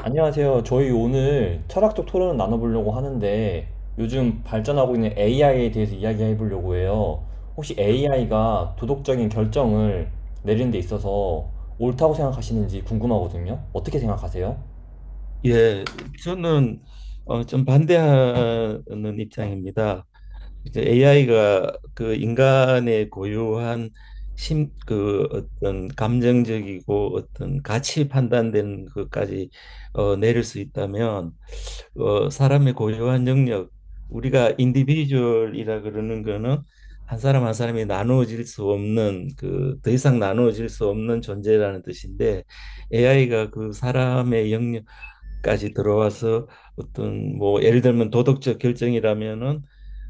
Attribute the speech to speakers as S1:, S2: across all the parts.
S1: 안녕하세요. 저희 오늘 철학적 토론을 나눠보려고 하는데 요즘 발전하고 있는 AI에 대해서 이야기해 보려고 해요. 혹시 AI가 도덕적인 결정을 내리는 데 있어서 옳다고 생각하시는지 궁금하거든요. 어떻게 생각하세요?
S2: 예, 저는 좀 반대하는 입장입니다. 이제 AI가 그 인간의 고유한 그 어떤 감정적이고 어떤 가치 판단되는 것까지 내릴 수 있다면, 사람의 고유한 영역, 우리가 인디비주얼이라 그러는 거는 한 사람 한 사람이 나누어질 수 없는 그 더 이상 나누어질 수 없는 존재라는 뜻인데, AI가 그 사람의 영역 까지 들어와서 어떤 뭐 예를 들면 도덕적 결정이라면은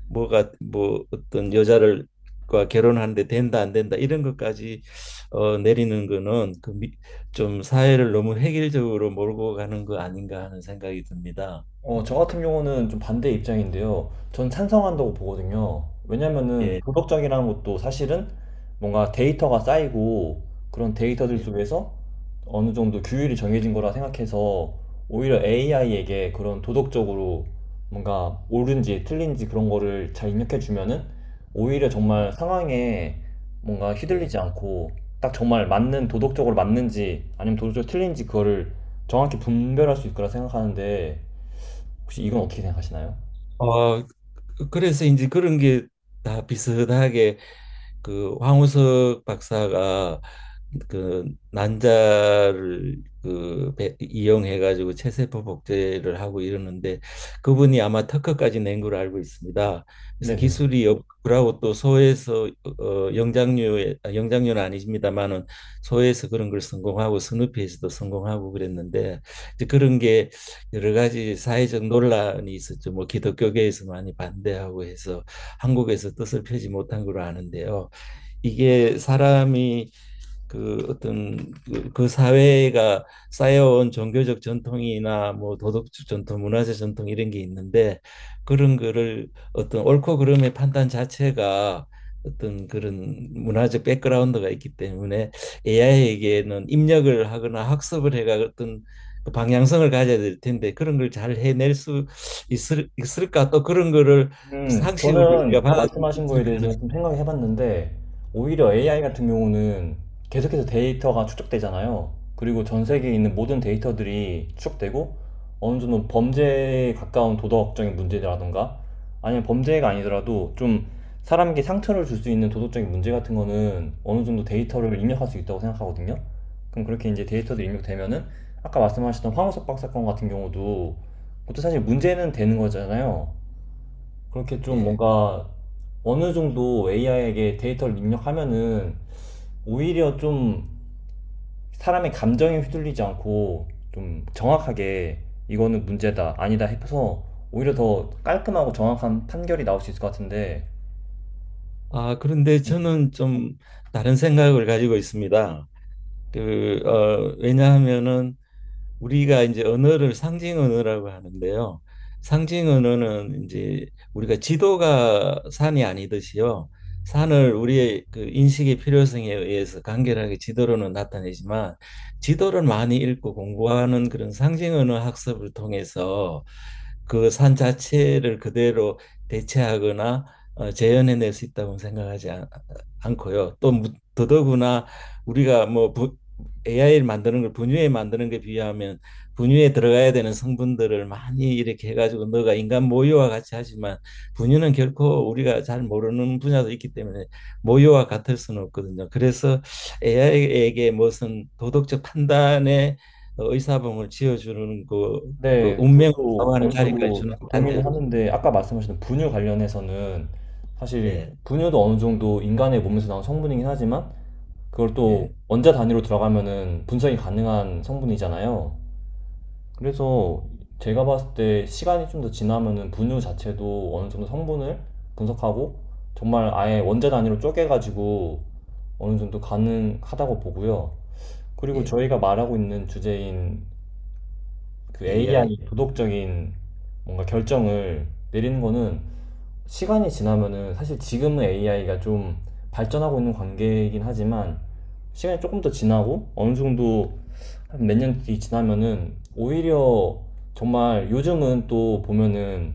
S2: 뭐가 뭐 어떤 여자를 과 결혼하는데 된다 안 된다 이런 것까지 내리는 거는 좀 사회를 너무 획일적으로 몰고 가는 거 아닌가 하는 생각이 듭니다.
S1: 저 같은 경우는 좀 반대 입장인데요. 전 찬성한다고 보거든요. 왜냐면은
S2: 예,
S1: 도덕적이라는 것도 사실은 뭔가 데이터가 쌓이고, 그런 데이터들
S2: 예,
S1: 속에서 어느 정도 규율이 정해진 거라 생각해서, 오히려 AI에게 그런 도덕적으로 뭔가 옳은지 틀린지 그런 거를 잘 입력해 주면은, 오히려
S2: 예,
S1: 정말 상황에 뭔가 휘둘리지
S2: 예.
S1: 않고 딱 정말 맞는, 도덕적으로 맞는지 아니면 도덕적으로 틀린지 그거를 정확히 분별할 수 있을 거라 생각하는데, 혹시 이건
S2: 음.
S1: 어떻게 생각하시나요?
S2: 어, 그래서 이제 그런 게 다 비슷하게, 그 황우석 박사가 그 난자를 이용해 가지고 체세포 복제를 하고 이러는데, 그분이 아마 특허까지 낸 걸로 알고 있습니다. 그래서
S1: 네네.
S2: 기술이 없고 또 소에서 영장류는 아니십니다만은, 소에서 그런 걸 성공하고 스누피에서도 성공하고 그랬는데, 이제 그런 게 여러 가지 사회적 논란이 있었죠. 뭐 기독교계에서 많이 반대하고 해서 한국에서 뜻을 펴지 못한 걸로 아는데요. 이게 사람이 그 어떤 그 사회가 쌓여온 종교적 전통이나 뭐 도덕적 전통, 문화적 전통 이런 게 있는데, 그런 거를 어떤 옳고 그름의 판단 자체가 어떤 그런 문화적 백그라운드가 있기 때문에 AI에게는 입력을 하거나 학습을 해가 어떤 그 방향성을 가져야 될 텐데, 그런 걸 잘 해낼 수 있을까, 또 그런 거를 상식으로 우리가
S1: 저는
S2: 받아들일
S1: 말씀하신
S2: 수
S1: 거에
S2: 있을까 하는.
S1: 대해서 좀 생각해 을 봤는데, 오히려 AI
S2: 예,
S1: 같은 경우는 계속해서 데이터가 축적되잖아요. 그리고 전 세계에 있는 모든 데이터들이 추적되고, 어느 정도 범죄에 가까운 도덕적인 문제라던가, 아니면 범죄가 아니더라도 좀 사람에게 상처를 줄 수 있는 도덕적인 문제 같은 거는 어느 정도
S2: 예.
S1: 데이터를 입력할 수 있다고 생각하거든요. 그럼 그렇게 이제 데이터들이 입력되면은, 아까 말씀하셨던 황우석 박사건 같은 경우도, 그것도 사실 문제는 되는 거잖아요. 그렇게 좀
S2: 예.
S1: 뭔가 어느 정도 AI에게 데이터를 입력하면은, 오히려 좀 사람의 감정에 휘둘리지 않고 좀 정확하게 이거는 문제다, 아니다 해서 오히려 더 깔끔하고 정확한 판결이 나올 수 있을 것 같은데.
S2: 아, 그런데 저는 좀 다른 생각을 가지고 있습니다. 왜냐하면은 우리가 이제 언어를 상징 언어라고 하는데요. 상징 언어는 이제, 우리가 지도가 산이 아니듯이요, 산을 우리의 그 인식의 필요성에 의해서 간결하게 지도로는 나타내지만, 지도를 많이 읽고 공부하는 그런 상징 언어 학습을 통해서 그 산 자체를 그대로 대체하거나 재현해낼 수 있다고 생각하지 않, 고요또 더더구나, 우리가 뭐 AI를 만드는 걸 분유에 만드는 게 비하면, 분유에 들어가야 되는 성분들을 많이 이렇게 해가지고 너가 인간 모유와 같이 하지만, 분유는 결코 우리가 잘 모르는 분야도 있기 때문에 모유와 같을 수는 없거든요. 그래서 AI에게 무슨 도덕적 판단에 의사봉을 지어주는 그
S1: 네,
S2: 운명을 정
S1: 그것도
S2: 하는
S1: 어느
S2: 자리까지
S1: 정도
S2: 주는 건
S1: 동의는
S2: 반대로.
S1: 하는데, 아까 말씀하신 분유 관련해서는, 사실
S2: 예,
S1: 분유도 어느 정도 인간의 몸에서 나온 성분이긴 하지만, 그걸 또
S2: 예,
S1: 원자 단위로 들어가면은 분석이 가능한 성분이잖아요. 그래서 제가 봤을 때 시간이 좀 더 지나면은 분유 자체도 어느 정도 성분을 분석하고 정말 아예 원자 단위로 쪼개가지고 어느 정도 가능하다고 보고요. 그리고
S2: 예,
S1: 저희가 말하고 있는 주제인 그
S2: AI.
S1: AI 도덕적인 뭔가 결정을 내리는 거는, 시간이 지나면은, 사실 지금은 AI가 좀 발전하고 있는 관계이긴 하지만, 시간이 조금 더 지나고 어느 정도 한 몇 년 뒤 지나면은, 오히려 정말, 요즘은 또 보면은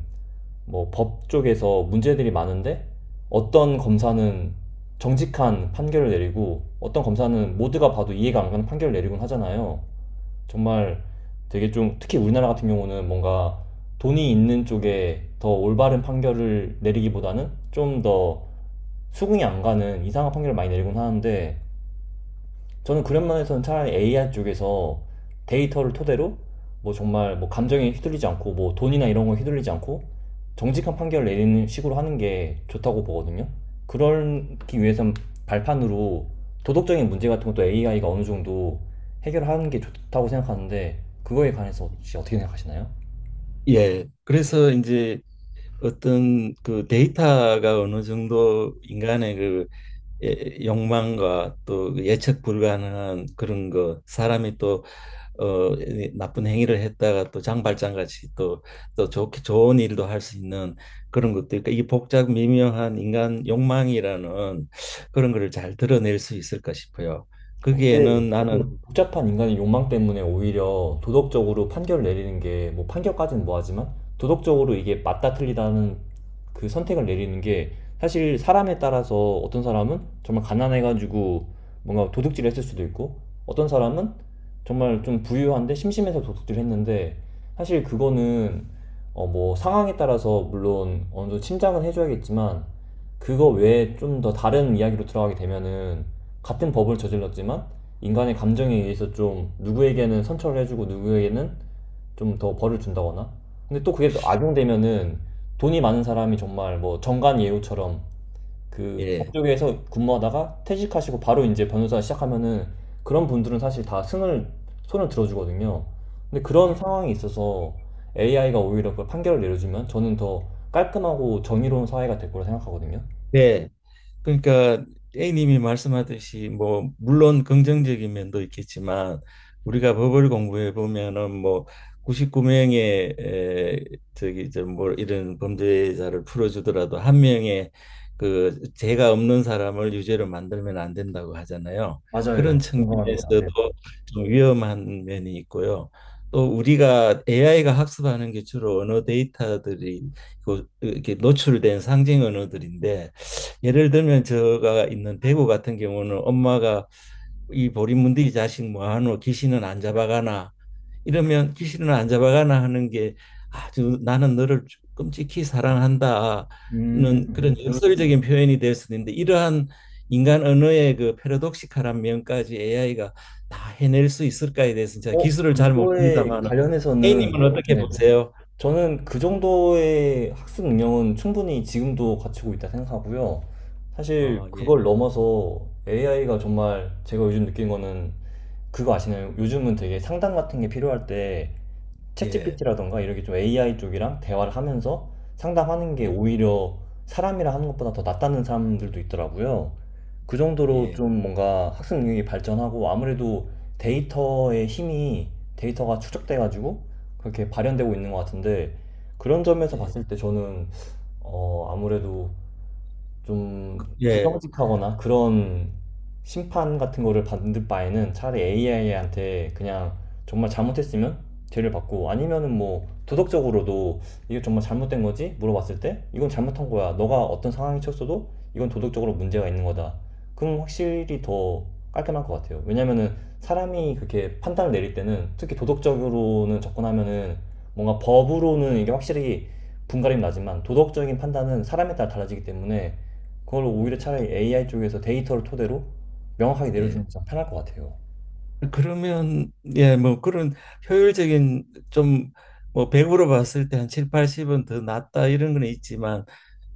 S1: 뭐 법 쪽에서 문제들이 많은데, 어떤 검사는 정직한 판결을 내리고 어떤 검사는 모두가 봐도 이해가 안 가는 판결을 내리곤 하잖아요. 정말 되게 좀, 특히 우리나라 같은 경우는 뭔가 돈이 있는 쪽에 더 올바른 판결을 내리기보다는 좀 더 수긍이 안 가는 이상한 판결을 많이 내리곤 하는데, 저는 그런 면에서는 차라리 AI 쪽에서 데이터를 토대로 뭐 정말 뭐 감정에 휘둘리지 않고 뭐 돈이나 이런 거 휘둘리지 않고 정직한
S2: 예.
S1: 판결을 내리는 식으로 하는 게 좋다고 보거든요. 그러기 위해서는 발판으로 도덕적인 문제 같은 것도 AI가 어느 정도 해결하는 게 좋다고 생각하는데, 그거에 관해서 혹시 어떻게 생각하시나요?
S2: 예, 그래서 이제 어떤 그 데이터가 어느 정도 인간의 그 욕망과 또 그 예측 불가능한 그런 거, 사람이 또 이 나쁜 행위를 했다가 또 장발장 같이 또 좋게 좋은 일도 할 수 있는, 그런 것도 있고 이 복잡 미묘한 인간 욕망이라는, 그런 거를 잘 드러낼 수 있을까 싶어요.
S1: 근데
S2: 거기에는 나는.
S1: 그 복잡한 인간의 욕망 때문에 오히려 도덕적으로 판결을 내리는 게, 뭐 판결까지는 뭐하지만, 도덕적으로 이게 맞다 틀리다는 그 선택을 내리는 게, 사실 사람에 따라서, 어떤 사람은 정말 가난해가지고 뭔가 도둑질을 했을 수도 있고, 어떤 사람은 정말 좀 부유한데 심심해서 도둑질을 했는데, 사실 그거는 뭐 상황에 따라서 물론 어느 정도 침착은 해줘야겠지만, 그거 외에 좀 더 다른 이야기로 들어가게 되면은, 같은 법을 저질렀지만 인간의 감정에 의해서 좀 누구에게는 선처를 해주고 누구에게는 좀 더 벌을 준다거나, 근데 또 그게 악용되면은, 돈이 많은 사람이 정말 뭐 정관 예우처럼 그
S2: 예,
S1: 법조계에서 근무하다가 퇴직하시고 바로 이제 변호사 시작하면은, 그런 분들은 사실 다 승을 손을 들어주거든요. 근데
S2: 예.
S1: 그런
S2: 예.
S1: 상황이 있어서 AI가 오히려 그 판결을 내려주면 저는 더 깔끔하고 정의로운 사회가 될 거라 생각하거든요.
S2: 네. 그러니까 A님이 말씀하듯이 뭐 물론 긍정적인 면도 있겠지만, 우리가 법을 공부해 보면은 뭐 99명의 에, 저기 저 뭐 이런 범죄자를 풀어주더라도 한 명의 그 죄가 없는 사람을 유죄로 만들면 안 된다고 하잖아요. 그런
S1: 맞아요. 공감합니다.
S2: 측면에서도
S1: 네.
S2: 좀 위험한 면이 있고요. 또 우리가 AI가 학습하는 게 주로 언어 데이터들이 이렇게 노출된 상징 언어들인데, 예를 들면 제가 있는 대구 같은 경우는 엄마가 이 보리문들이 자식 뭐하노, 귀신은 안 잡아가나 이러면, 귀신은 안 잡아가나 하는 게 아주 나는 너를 끔찍히 사랑한다는
S1: 음,
S2: 그런 역설적인 표현이 될 수 있는데, 이러한 인간 언어의 그 패러독시칼한 면까지 AI가 다 해낼 수 있을까에 대해서는 제가 기술을 잘
S1: 그거에
S2: 모릅니다만은,
S1: 관련해서는,
S2: A님은 어떻게
S1: 네네,
S2: 보세요?
S1: 저는 그 정도의 학습 능력은 충분히 지금도 갖추고 있다 생각하고요. 사실
S2: 예,
S1: 그걸 넘어서 AI가 정말, 제가 요즘 느낀 거는, 그거 아시나요? 요즘은 되게 상담 같은 게 필요할 때
S2: 예,
S1: 챗GPT라던가 이렇게 좀 AI 쪽이랑 대화를 하면서 상담하는 게
S2: 예,
S1: 오히려 사람이랑 하는 것보다 더 낫다는 사람들도 있더라고요. 그 정도로
S2: 예,
S1: 좀 뭔가 학습 능력이 발전하고, 아무래도 데이터의 힘이, 데이터가 축적돼가지고 그렇게 발현되고 있는 것 같은데, 그런 점에서
S2: 예,
S1: 봤을 때 저는 아무래도 좀
S2: 예,
S1: 부정직하거나 그런 심판 같은 거를 받는 바에는 차라리 AI한테 그냥, 정말 잘못했으면 죄를 받고 아니면은 뭐 도덕적으로도 이게 정말 잘못된 거지? 물어봤을 때 이건 잘못한 거야, 너가 어떤 상황이 쳤어도 이건 도덕적으로 문제가 있는 거다. 그럼 확실히 더 깔끔할 것 같아요. 왜냐면은 사람이 그렇게 판단을 내릴 때는, 특히 도덕적으로는 접근하면은, 뭔가 법으로는 이게 확실히 분갈이 나지만 도덕적인 판단은 사람에 따라 달라지기 때문에, 그걸 오히려
S2: 예.
S1: 차라리 AI 쪽에서 데이터를 토대로 명확하게
S2: 예.
S1: 내려주면 좀 편할 것 같아요.
S2: 그러면 예, 뭐 그런 효율적인 좀, 뭐 100으로 봤을 때 한 7, 80은 더 낫다 이런 건 있지만,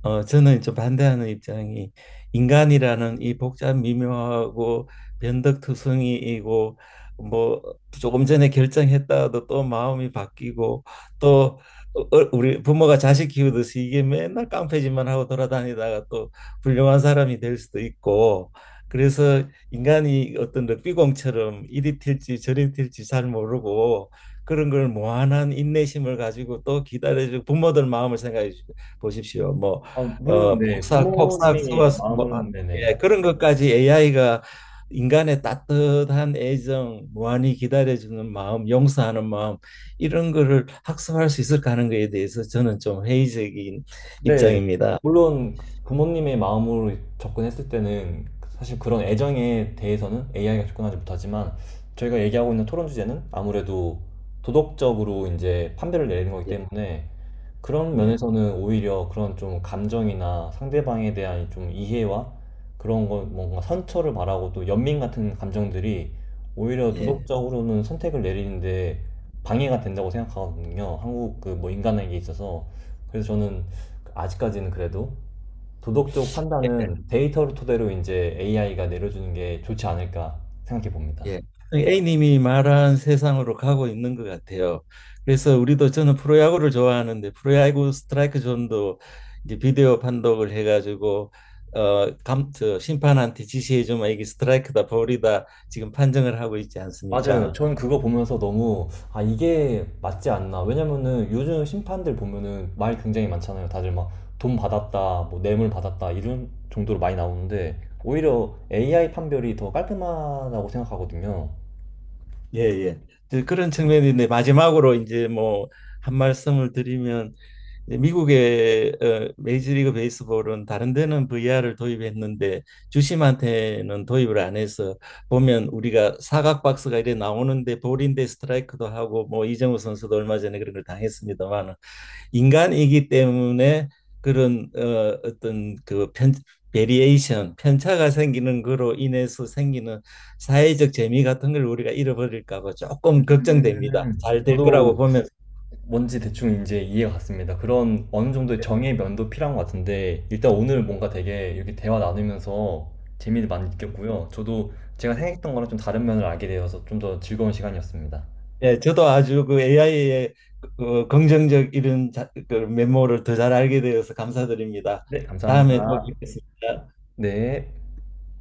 S2: 저는 좀 반대하는 입장이, 인간이라는 이 복잡 미묘하고 변덕투성이이고, 뭐 조금 전에 결정했다가도 또 마음이 바뀌고, 또 우리 부모가 자식 키우듯이 이게 맨날 깡패짓만 하고 돌아다니다가 또 훌륭한 사람이 될 수도 있고, 그래서 인간이 어떤 럭비공처럼 이리 튈지 저리 튈지 잘 모르고, 그런 걸 무한한 인내심을 가지고 또 기다려주고, 부모들 마음을 생각해 보십시오. 뭐
S1: 아, 물론 네,
S2: 폭삭 폭삭
S1: 부모님의
S2: 쏘아서 뭐, 아,
S1: 마음은. 네네.
S2: 예, 그런 것까지 AI가 인간의 따뜻한 애정, 무한히 기다려주는 마음, 용서하는 마음, 이런 거를 학습할 수 있을까 하는 거에 대해서 저는 좀 회의적인
S1: 네,
S2: 입장입니다.
S1: 물론 부모님의 마음으로 접근했을 때는 사실 그런 애정에 대해서는 AI가 접근하지 못하지만, 저희가 얘기하고 있는 토론 주제는 아무래도 도덕적으로 이제 판별을 내리는 거기
S2: 예,
S1: 때문에, 그런
S2: 네,
S1: 면에서는 오히려 그런 좀 감정이나 상대방에 대한 좀 이해와, 그런 거 뭔가 선처를 바라고 또 연민 같은 감정들이 오히려
S2: 예.
S1: 도덕적으로는 선택을 내리는데 방해가 된다고 생각하거든요. 한국 그 뭐 인간에게 있어서. 그래서 저는 아직까지는 그래도 도덕적 판단은 데이터를 토대로 이제 AI가 내려주는 게 좋지 않을까 생각해 봅니다.
S2: 예. A님이 말한 세상으로 가고 있는 것 같아요. 그래서 우리도, 저는 프로야구를 좋아하는데, 프로야구 스트라이크 존도 이제 비디오 판독을 해가지고 저 심판한테 지시해주면 이게 스트라이크다 볼이다 지금 판정을 하고 있지
S1: 맞아요.
S2: 않습니까?
S1: 전 그거 보면서 너무, 아, 이게 맞지 않나. 왜냐면은 요즘 심판들 보면은 말 굉장히 많잖아요. 다들 막 돈 받았다, 뭐 뇌물 받았다 이런 정도로 많이 나오는데 오히려 AI 판별이 더 깔끔하다고 생각하거든요.
S2: 예, 예. 이제 그런 측면인데, 마지막으로 이제 뭐 한 말씀을 드리면, 이제 미국의 메이저리그 베이스볼은 다른 데는 VR을 도입했는데 주심한테는 도입을 안 해서, 보면 우리가 사각 박스가 이래 나오는데, 볼인데 스트라이크도 하고, 뭐 이정우 선수도 얼마 전에 그런 걸 당했습니다만, 인간이기 때문에 그런 어떤 베리에이션, 편차가 생기는 거로 인해서 생기는 사회적 재미 같은 걸 우리가 잃어버릴까 봐 조금 걱정됩니다. 잘 될 거라고
S1: 저도
S2: 보면.
S1: 뭔지 대충 이제 이해가 갔습니다. 그런 어느 정도의 정의 면도 필요한 것 같은데, 일단 오늘 뭔가 되게 이렇게 대화 나누면서 재미를 많이 느꼈고요. 저도 제가 생각했던 거랑 좀 다른 면을 알게 되어서 좀 더 즐거운 시간이었습니다.
S2: 예, 저도 아주 그 AI의 긍정적 이런 그 면모를 더 잘 알게 되어서 감사드립니다.
S1: 네,
S2: 다음에 또
S1: 감사합니다.
S2: 뵙겠습니다.
S1: 네.